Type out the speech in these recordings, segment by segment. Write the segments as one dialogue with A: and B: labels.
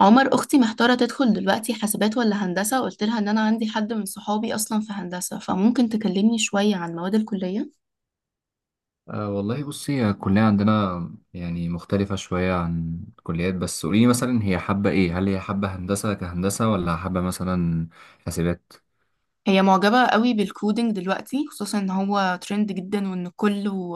A: عمر، اختي محتاره تدخل دلوقتي حاسبات ولا هندسه. قلت لها ان انا عندي حد من صحابي اصلا في هندسه، فممكن تكلمني شويه عن مواد الكليه؟
B: أه والله بصي هي الكلية عندنا يعني مختلفة شوية عن الكليات، بس قوليلي مثلا هي حابة ايه؟ هل هي حابة هندسة كهندسة ولا حابة مثلا حاسبات؟
A: هي معجبه قوي بالكودينج دلوقتي، خصوصا ان هو ترند جدا وان كله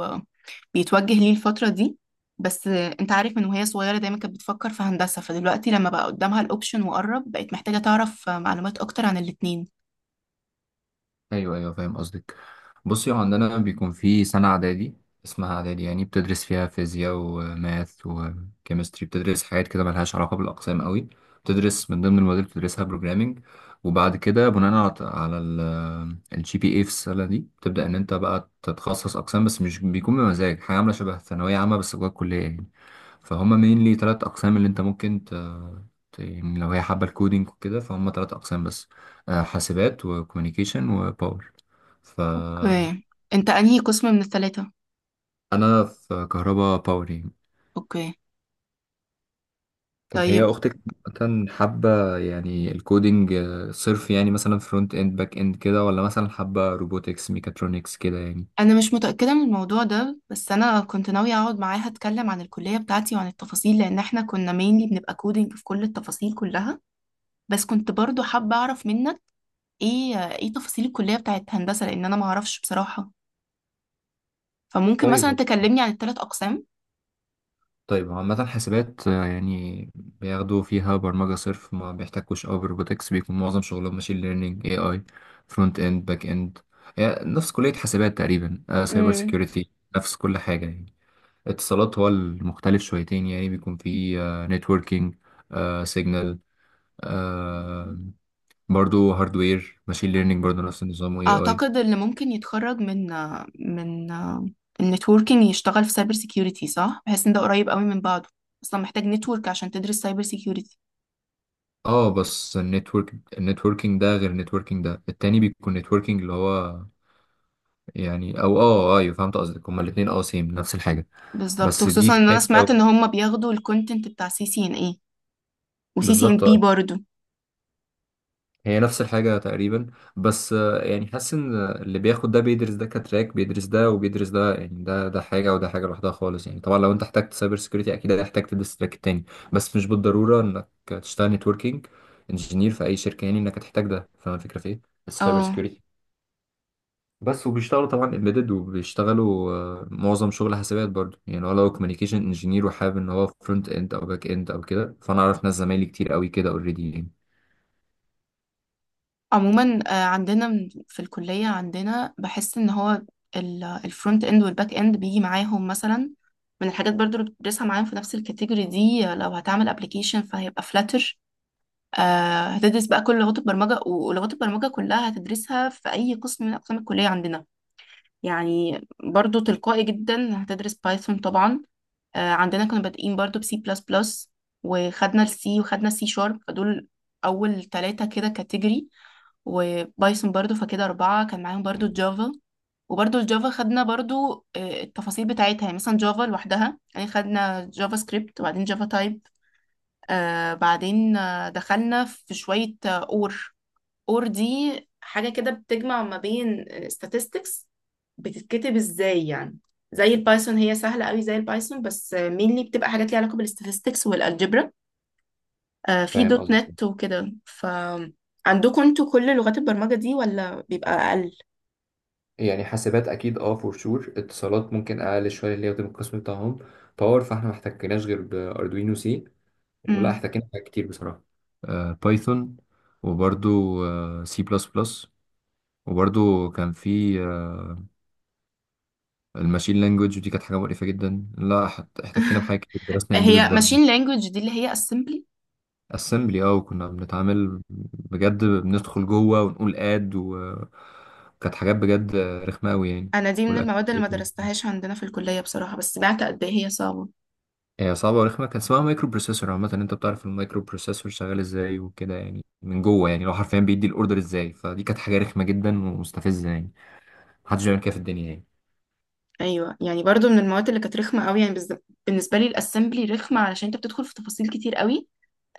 A: بيتوجه ليه الفتره دي. بس انت عارف من وهي صغيره دايما كانت بتفكر في هندسه، فدلوقتي لما بقى قدامها الاوبشن وقرب بقت محتاجه تعرف معلومات اكتر عن الاتنين.
B: ايوه، ايوه، فاهم قصدك. بصي هو عندنا بيكون في سنه اعدادي، اسمها اعدادي، يعني بتدرس فيها فيزياء وماث وكيمستري، بتدرس حاجات كده ملهاش علاقه بالاقسام قوي. بتدرس من ضمن المواد اللي بتدرسها بروجرامنج، وبعد كده بناء على الجي بي اي في السنه دي بتبدا ان انت بقى تتخصص اقسام، بس مش بيكون بمزاج، حاجه عامله شبه ثانويه عامه بس جوه الكليه يعني. فهم mainly تلات أقسام اللي أنت ممكن يعني لو هي حابة الكودينج وكده فهم تلات أقسام بس، حاسبات وكوميونيكيشن وباور. فأنا
A: اوكي. انت انهي قسم من الثلاثه؟
B: في كهربا باور يعني.
A: اوكي.
B: طب هي
A: طيب.
B: أختك مثلا حابة يعني الكودينج صرف، يعني مثلا فرونت إند باك إند كده، ولا مثلا حابة روبوتكس ميكاترونكس كده يعني؟
A: انا مش متاكده من الموضوع ده، بس انا كنت ناويه اقعد معاها اتكلم عن الكليه بتاعتي وعن التفاصيل، لان احنا كنا مينلي بنبقى كودينج في كل التفاصيل كلها. بس كنت برضو حابه اعرف منك ايه تفاصيل الكليه بتاعت هندسه، لان انا ما اعرفش بصراحه. فممكن مثلا
B: طيب.
A: تكلمني عن الثلاث اقسام؟
B: طيب هو عامة حاسبات يعني بياخدوا فيها برمجة صرف، ما بيحتكوش أوي بروبوتكس، بيكون معظم شغلهم ماشين ليرنينج، اي اي، فرونت اند باك اند، يعني نفس كلية حاسبات تقريبا، سايبر
A: امم.
B: سيكيورتي، نفس كل حاجة يعني. اتصالات هو المختلف شويتين، يعني بيكون فيه نتوركينج، سيجنال، آه، برضو هاردوير، ماشين ليرنينج برضو، نفس النظام واي اي.
A: اعتقد اللي ممكن يتخرج من من النتوركينج يشتغل في سايبر سيكيورتي، صح؟ بحيث ان ده قريب قوي من بعضه. اصلا محتاج نتورك عشان تدرس سايبر.
B: اه بس النتورك النتوركينج ده غير النتوركينج ده التاني، بيكون نتوركينج اللي هو يعني، او اه ايوه فهمت قصدك، هما الاثنين اه سيم، نفس الحاجه.
A: بالظبط،
B: بس دي
A: وخصوصا
B: في
A: ان انا
B: حته
A: سمعت
B: و-
A: ان هم بياخدوا الكونتنت بتاع سي سي ان اي، وسي سي ان
B: بالظبط
A: بي
B: آه.
A: برضو.
B: هي نفس الحاجه تقريبا، بس يعني حاسس ان اللي بياخد ده بيدرس ده كتراك، بيدرس ده وبيدرس ده، يعني ده حاجه وده حاجه لوحدها خالص يعني. طبعا لو انت احتجت سايبر سكيورتي اكيد هتحتاج تدرس التراك التاني، بس مش بالضروره انك تشتغل نتوركينج انجينير في اي شركه، يعني انك هتحتاج ده، فاهم الفكره في ايه. السايبر
A: اه.
B: سكيورتي بس. وبيشتغلوا طبعا امبيدد، وبيشتغلوا معظم شغل حسابات برضو، يعني هو لو كوميونيكيشن انجينير وحابب ان هو فرونت اند او باك اند او كده، فانا اعرف ناس زمايلي كتير قوي كده اوريدي يعني.
A: عموما عندنا في الكلية عندنا بحس ان هو الفرونت اند والباك اند بيجي معاهم، مثلا من الحاجات برضو اللي بتدرسها معاهم في نفس الكاتيجوري دي. لو هتعمل ابلكيشن فهيبقى فلاتر. هتدرس بقى كل لغات البرمجة، ولغات البرمجة كلها هتدرسها في أي قسم من أقسام الكلية عندنا. يعني برضو تلقائي جدا هتدرس بايثون طبعا. عندنا كنا بادئين برضو بسي بلس بلس، وخدنا السي، وخدنا السي شارب، فدول أول ثلاثة كده كاتيجوري، وبايثون برضو فكده أربعة، كان معاهم برضو الجافا. وبرضو الجافا خدنا برضو التفاصيل بتاعتها، يعني مثلا جافا لوحدها، يعني خدنا جافا سكريبت وبعدين جافا تايب. آه بعدين آه دخلنا في شوية اور. اور دي حاجة كده بتجمع ما بين statistics. بتتكتب ازاي يعني؟ زي البايثون، هي سهلة قوي زي البايثون، بس مينلي بتبقى حاجات ليها علاقة بالستاتستكس والالجبرا. في
B: فاهم
A: دوت
B: قصدي؟
A: نت وكده، ف عندكم انتوا كل لغات البرمجة دي ولا بيبقى أقل؟
B: يعني حاسبات اكيد اه فور شور، اتصالات ممكن اقل شويه اللي هي بتبقى القسم بتاعهم. باور فاحنا ما احتكناش غير باردوينو سي، ولا
A: مم.
B: احتكينا بحاجات كتير بصراحه. بايثون، وبرضو سي بلس بلس، وبرضو كان في الماشين لانجوج، دي كانت حاجه مقرفه جدا. لا احتكينا بحاجه كتير، درسنا امبيدد
A: هي
B: برضه.
A: ماشين لانجوج دي اللي هي assembly؟
B: اسمبلي اه، وكنا بنتعامل بجد، بندخل جوه ونقول اد و- وكانت حاجات بجد رخمه قوي يعني.
A: انا دي من المواد اللي ما
B: والاكتيفيتور
A: درستهاش عندنا في الكلية بصراحة، بس سمعت قد ايه هي صعبة.
B: هي صعبه ورخمه، كان اسمها مايكرو بروسيسور، عامه انت بتعرف المايكرو بروسيسور شغال ازاي وكده، يعني من جوه، يعني لو حرفيا بيدي الاوردر ازاي، فدي كانت حاجه رخمه جدا ومستفزه يعني. محدش بيعمل كده في الدنيا يعني.
A: ايوه، يعني برضو من المواد اللي كانت رخمة قوي يعني. بالنسبة لي الاسمبلي رخمة علشان انت بتدخل في تفاصيل كتير قوي.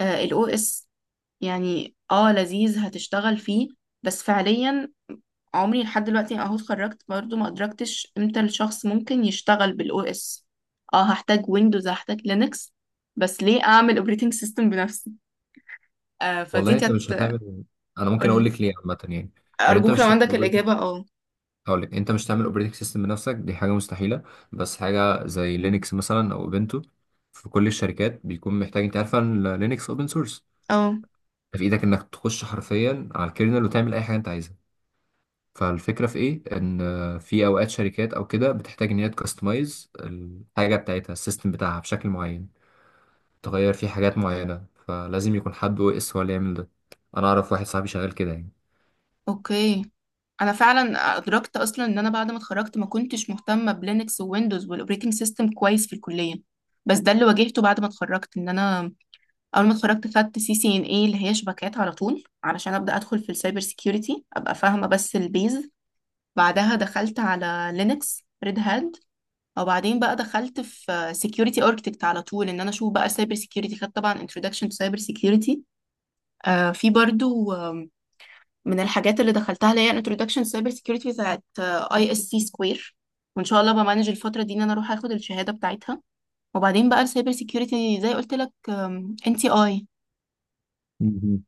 A: الاو اس، يعني اه لذيذ هتشتغل فيه، بس فعليا عمري لحد دلوقتي، اهو اتخرجت برضه، ما ادركتش امتى الشخص ممكن يشتغل بالاو اس. اه، هحتاج ويندوز، هحتاج لينكس، بس ليه اعمل اوبريتنج سيستم بنفسي؟ فدي
B: والله انت مش
A: كانت.
B: هتعمل. انا ممكن اقول
A: قولي.
B: لك ليه عامه يعني. يعني انت
A: ارجوك لو
B: مش
A: عندك
B: هتعمل،
A: الاجابه، اه.
B: هقول لك انت مش تعمل اوبريتنج سيستم بنفسك، دي حاجه مستحيله. بس حاجه زي لينكس مثلا او اوبنتو، في كل الشركات بيكون محتاج، انت عارفه ان لينكس اوبن سورس،
A: اه.
B: في ايدك انك تخش حرفيا على الكيرنل وتعمل اي حاجه انت عايزها. فالفكره في ايه، ان في اوقات شركات او كده بتحتاج ان هي تكستمايز الحاجه بتاعتها، السيستم بتاعها بشكل معين، تغير فيه حاجات معينه، فلازم يكون حد او اس هو اللي يعمل ده. انا اعرف واحد صاحبي شغال كده
A: اوكي. انا فعلا ادركت اصلا ان انا بعد ما اتخرجت ما كنتش مهتمه بلينكس وويندوز والاوبريتنج سيستم كويس في الكليه. بس ده اللي واجهته بعد ما اتخرجت، ان انا اول ما اتخرجت خدت سي سي ان اي اللي هي شبكات على طول علشان ابدا ادخل في السايبر سيكيورتي ابقى فاهمه بس البيز. بعدها دخلت على لينكس ريد هاد، وبعدين بقى دخلت في سيكيورتي اركتكت على طول، ان انا اشوف بقى سايبر سيكيورتي، خدت طبعا انترودكشن تو سايبر سيكيورتي. في برضو من الحاجات اللي دخلتها اللي هي انترودكشن سايبر سيكيورتي بتاعت اي اس سي سكوير. وان شاء الله بمانج الفتره دي ان انا اروح اخد الشهاده بتاعتها. وبعدين بقى السايبر سيكيورتي، زي قلت لك، ان تي اي.
B: يعني.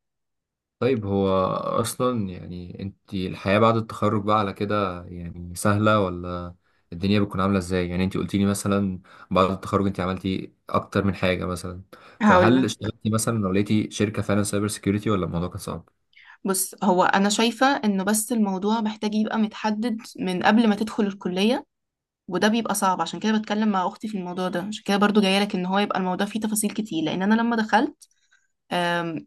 B: طيب هو أصلا يعني أنت الحياة بعد التخرج بقى على كده يعني سهلة، ولا الدنيا بتكون عاملة إزاي؟ يعني أنت قلتيلي مثلا بعد التخرج أنت عملتي أكتر من حاجة مثلا،
A: هقول
B: فهل
A: لك.
B: اشتغلتي مثلا لو لقيتي شركة فعلا سايبر سيكيورتي، ولا الموضوع كان صعب؟
A: بص، هو انا شايفة انه بس الموضوع محتاج يبقى متحدد من قبل ما تدخل الكلية، وده بيبقى صعب، عشان كده بتكلم مع اختي في الموضوع ده، عشان كده برضو جايه لك ان هو يبقى الموضوع فيه تفاصيل كتير، لان انا لما دخلت آم،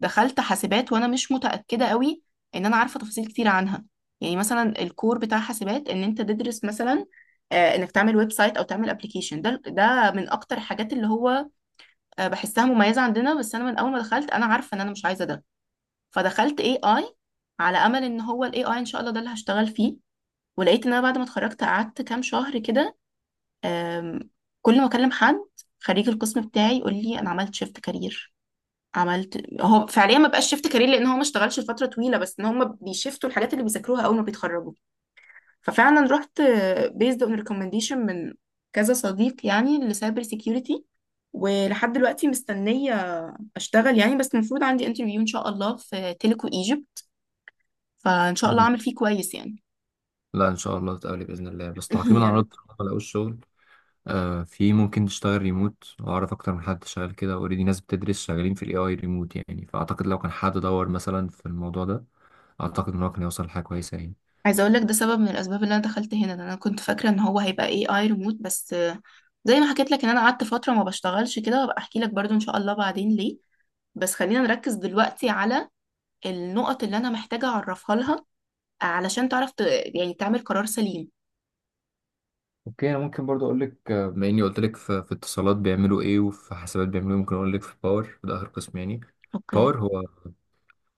A: دخلت حاسبات وانا مش متأكدة قوي ان انا عارفة تفاصيل كتير عنها. يعني مثلا الكور بتاع حاسبات ان انت تدرس مثلا انك تعمل ويب سايت او تعمل ابلكيشن، ده من اكتر الحاجات اللي هو بحسها مميزة عندنا. بس انا من اول ما دخلت انا عارفة ان انا مش عايزة ده، فدخلت اي اي على امل ان هو الاي اي ان شاء الله ده اللي هشتغل فيه. ولقيت ان انا بعد ما اتخرجت قعدت كام شهر كده. آم، كل ما اكلم حد خريج القسم بتاعي يقول لي انا عملت شيفت كارير. عملت، هو فعليا ما بقاش شيفت كارير لان هو ما اشتغلش لفتره طويله، بس ان هم بيشفتوا الحاجات اللي بيذاكروها اول ما بيتخرجوا. ففعلا رحت بيزد اون ريكومنديشن من كذا صديق يعني لسايبر سيكيورتي. ولحد دلوقتي مستنيه اشتغل يعني، بس المفروض عندي انترفيو ان شاء الله في تيليكو ايجيبت، فان شاء الله
B: مم.
A: اعمل فيه كويس يعني.
B: لا إن شاء الله تقابلي بإذن الله. بس تعقيبا
A: يا
B: على رد
A: رب.
B: ما لقوش شغل، آه في ممكن تشتغل ريموت، وأعرف أكتر من حد شغال كده أوريدي، ناس بتدرس شغالين في ال AI ريموت يعني، فأعتقد لو كان حد دور مثلا في الموضوع ده أعتقد إن هو كان يوصل لحاجة كويسة يعني.
A: عايزه اقول لك ده سبب من الاسباب اللي انا دخلت هنا، ده انا كنت فاكره ان هو هيبقى اي اي ريموت، بس زي ما حكيت لك ان انا قعدت فتره ما بشتغلش كده، وابقى احكي لك برضو ان شاء الله بعدين ليه. بس خلينا نركز دلوقتي على النقط اللي انا محتاجه اعرفها لها، علشان تعرف يعني تعمل قرار سليم.
B: اوكي انا ممكن برضو اقول لك، بما اني قلت لك في اتصالات بيعملوا ايه وفي حسابات بيعملوا ايه، ممكن اقول لك في باور، ده اخر قسم يعني.
A: اوكي.
B: باور هو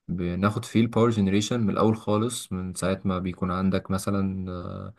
B: بناخد فيه الباور جنريشن من الاول خالص، من ساعه ما بيكون عندك مثلا آه،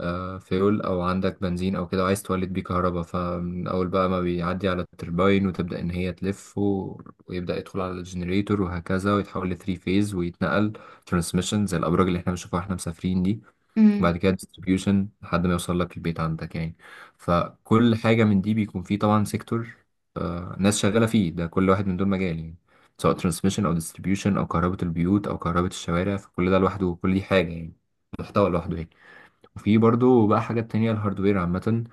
B: آه، فيول او عندك بنزين او كده وعايز تولد بيه كهرباء، فمن اول بقى ما بيعدي على الترباين وتبدا ان هي تلف و- ويبدا يدخل على الجنريتور وهكذا، ويتحول لثري فيز، ويتنقل ترانسميشن زي الابراج اللي احنا بنشوفها واحنا مسافرين دي،
A: امم.
B: وبعد كده ديستريبيوشن لحد ما يوصل لك البيت عندك يعني. فكل حاجة من دي بيكون فيه طبعا سيكتور، آه ناس شغالة فيه، ده كل واحد من دول مجال يعني، سواء ترانسميشن أو ديستريبيوشن أو كهرباء البيوت أو كهرباء الشوارع، فكل ده لوحده، كل دي حاجة يعني، محتوى لوحده يعني. وفي برضو بقى حاجات تانية، الهاردوير عامة،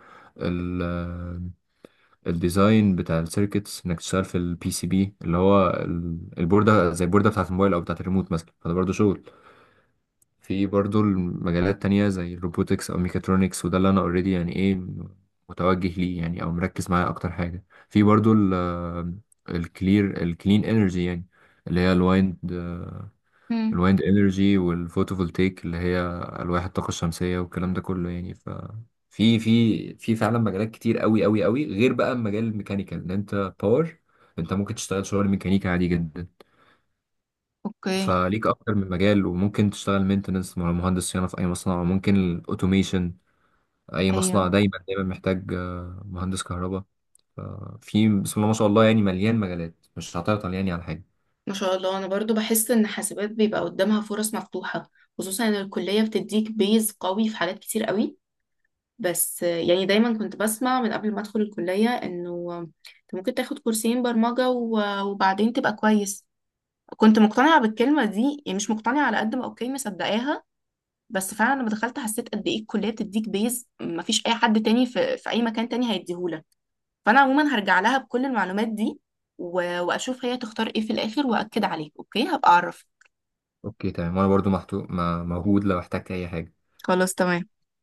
B: الديزاين بتاع السيركتس، انك تشتغل في البي سي بي اللي هو البوردة، زي البوردة بتاعة الموبايل او بتاعة الريموت مثلا، فده برضو شغل. في برضو المجالات تانية زي الروبوتكس أو ميكاترونكس، وده اللي أنا أوريدي يعني إيه متوجه ليه يعني أو مركز معاه أكتر حاجة. في برضو ال الكلير الكلين انرجي يعني، اللي هي
A: امم.
B: الوايند انرجي والفوتوفولتيك اللي هي ألواح الطاقة الشمسية والكلام ده كله يعني. ف في فعلا مجالات كتير قوي غير بقى مجال الميكانيكال، ان انت باور انت ممكن تشتغل شغل ميكانيكا عادي جدا.
A: اوكي.
B: فليك اكتر من مجال، وممكن تشتغل مينتنس مهندس صيانه في اي مصنع، وممكن الاوتوميشن. اي مصنع
A: ايوه.
B: دايما محتاج مهندس كهرباء. ففي بسم الله ما شاء الله يعني مليان مجالات، مش هتعطل يعني على حاجه.
A: ما شاء الله، انا برضو بحس ان حاسبات بيبقى قدامها فرص مفتوحه، خصوصا ان الكليه بتديك بيز قوي في حاجات كتير قوي. بس يعني دايما كنت بسمع من قبل ما ادخل الكلية انه انت ممكن تاخد كورسين برمجة و- وبعدين تبقى كويس. كنت مقتنعة بالكلمة دي يعني مش مقتنعة على قد ما، اوكي مصدقاها. بس فعلا لما دخلت حسيت قد ايه الكلية بتديك بيز، مفيش اي حد تاني في اي مكان تاني هيديهولك. فانا عموما هرجع لها بكل المعلومات دي، و- واشوف هي تختار ايه في الاخر، واكد عليك اوكي هبقى اعرف.
B: اوكي تمام، وانا برضو موجود لو احتجت اي حاجه.
A: خلاص تمام.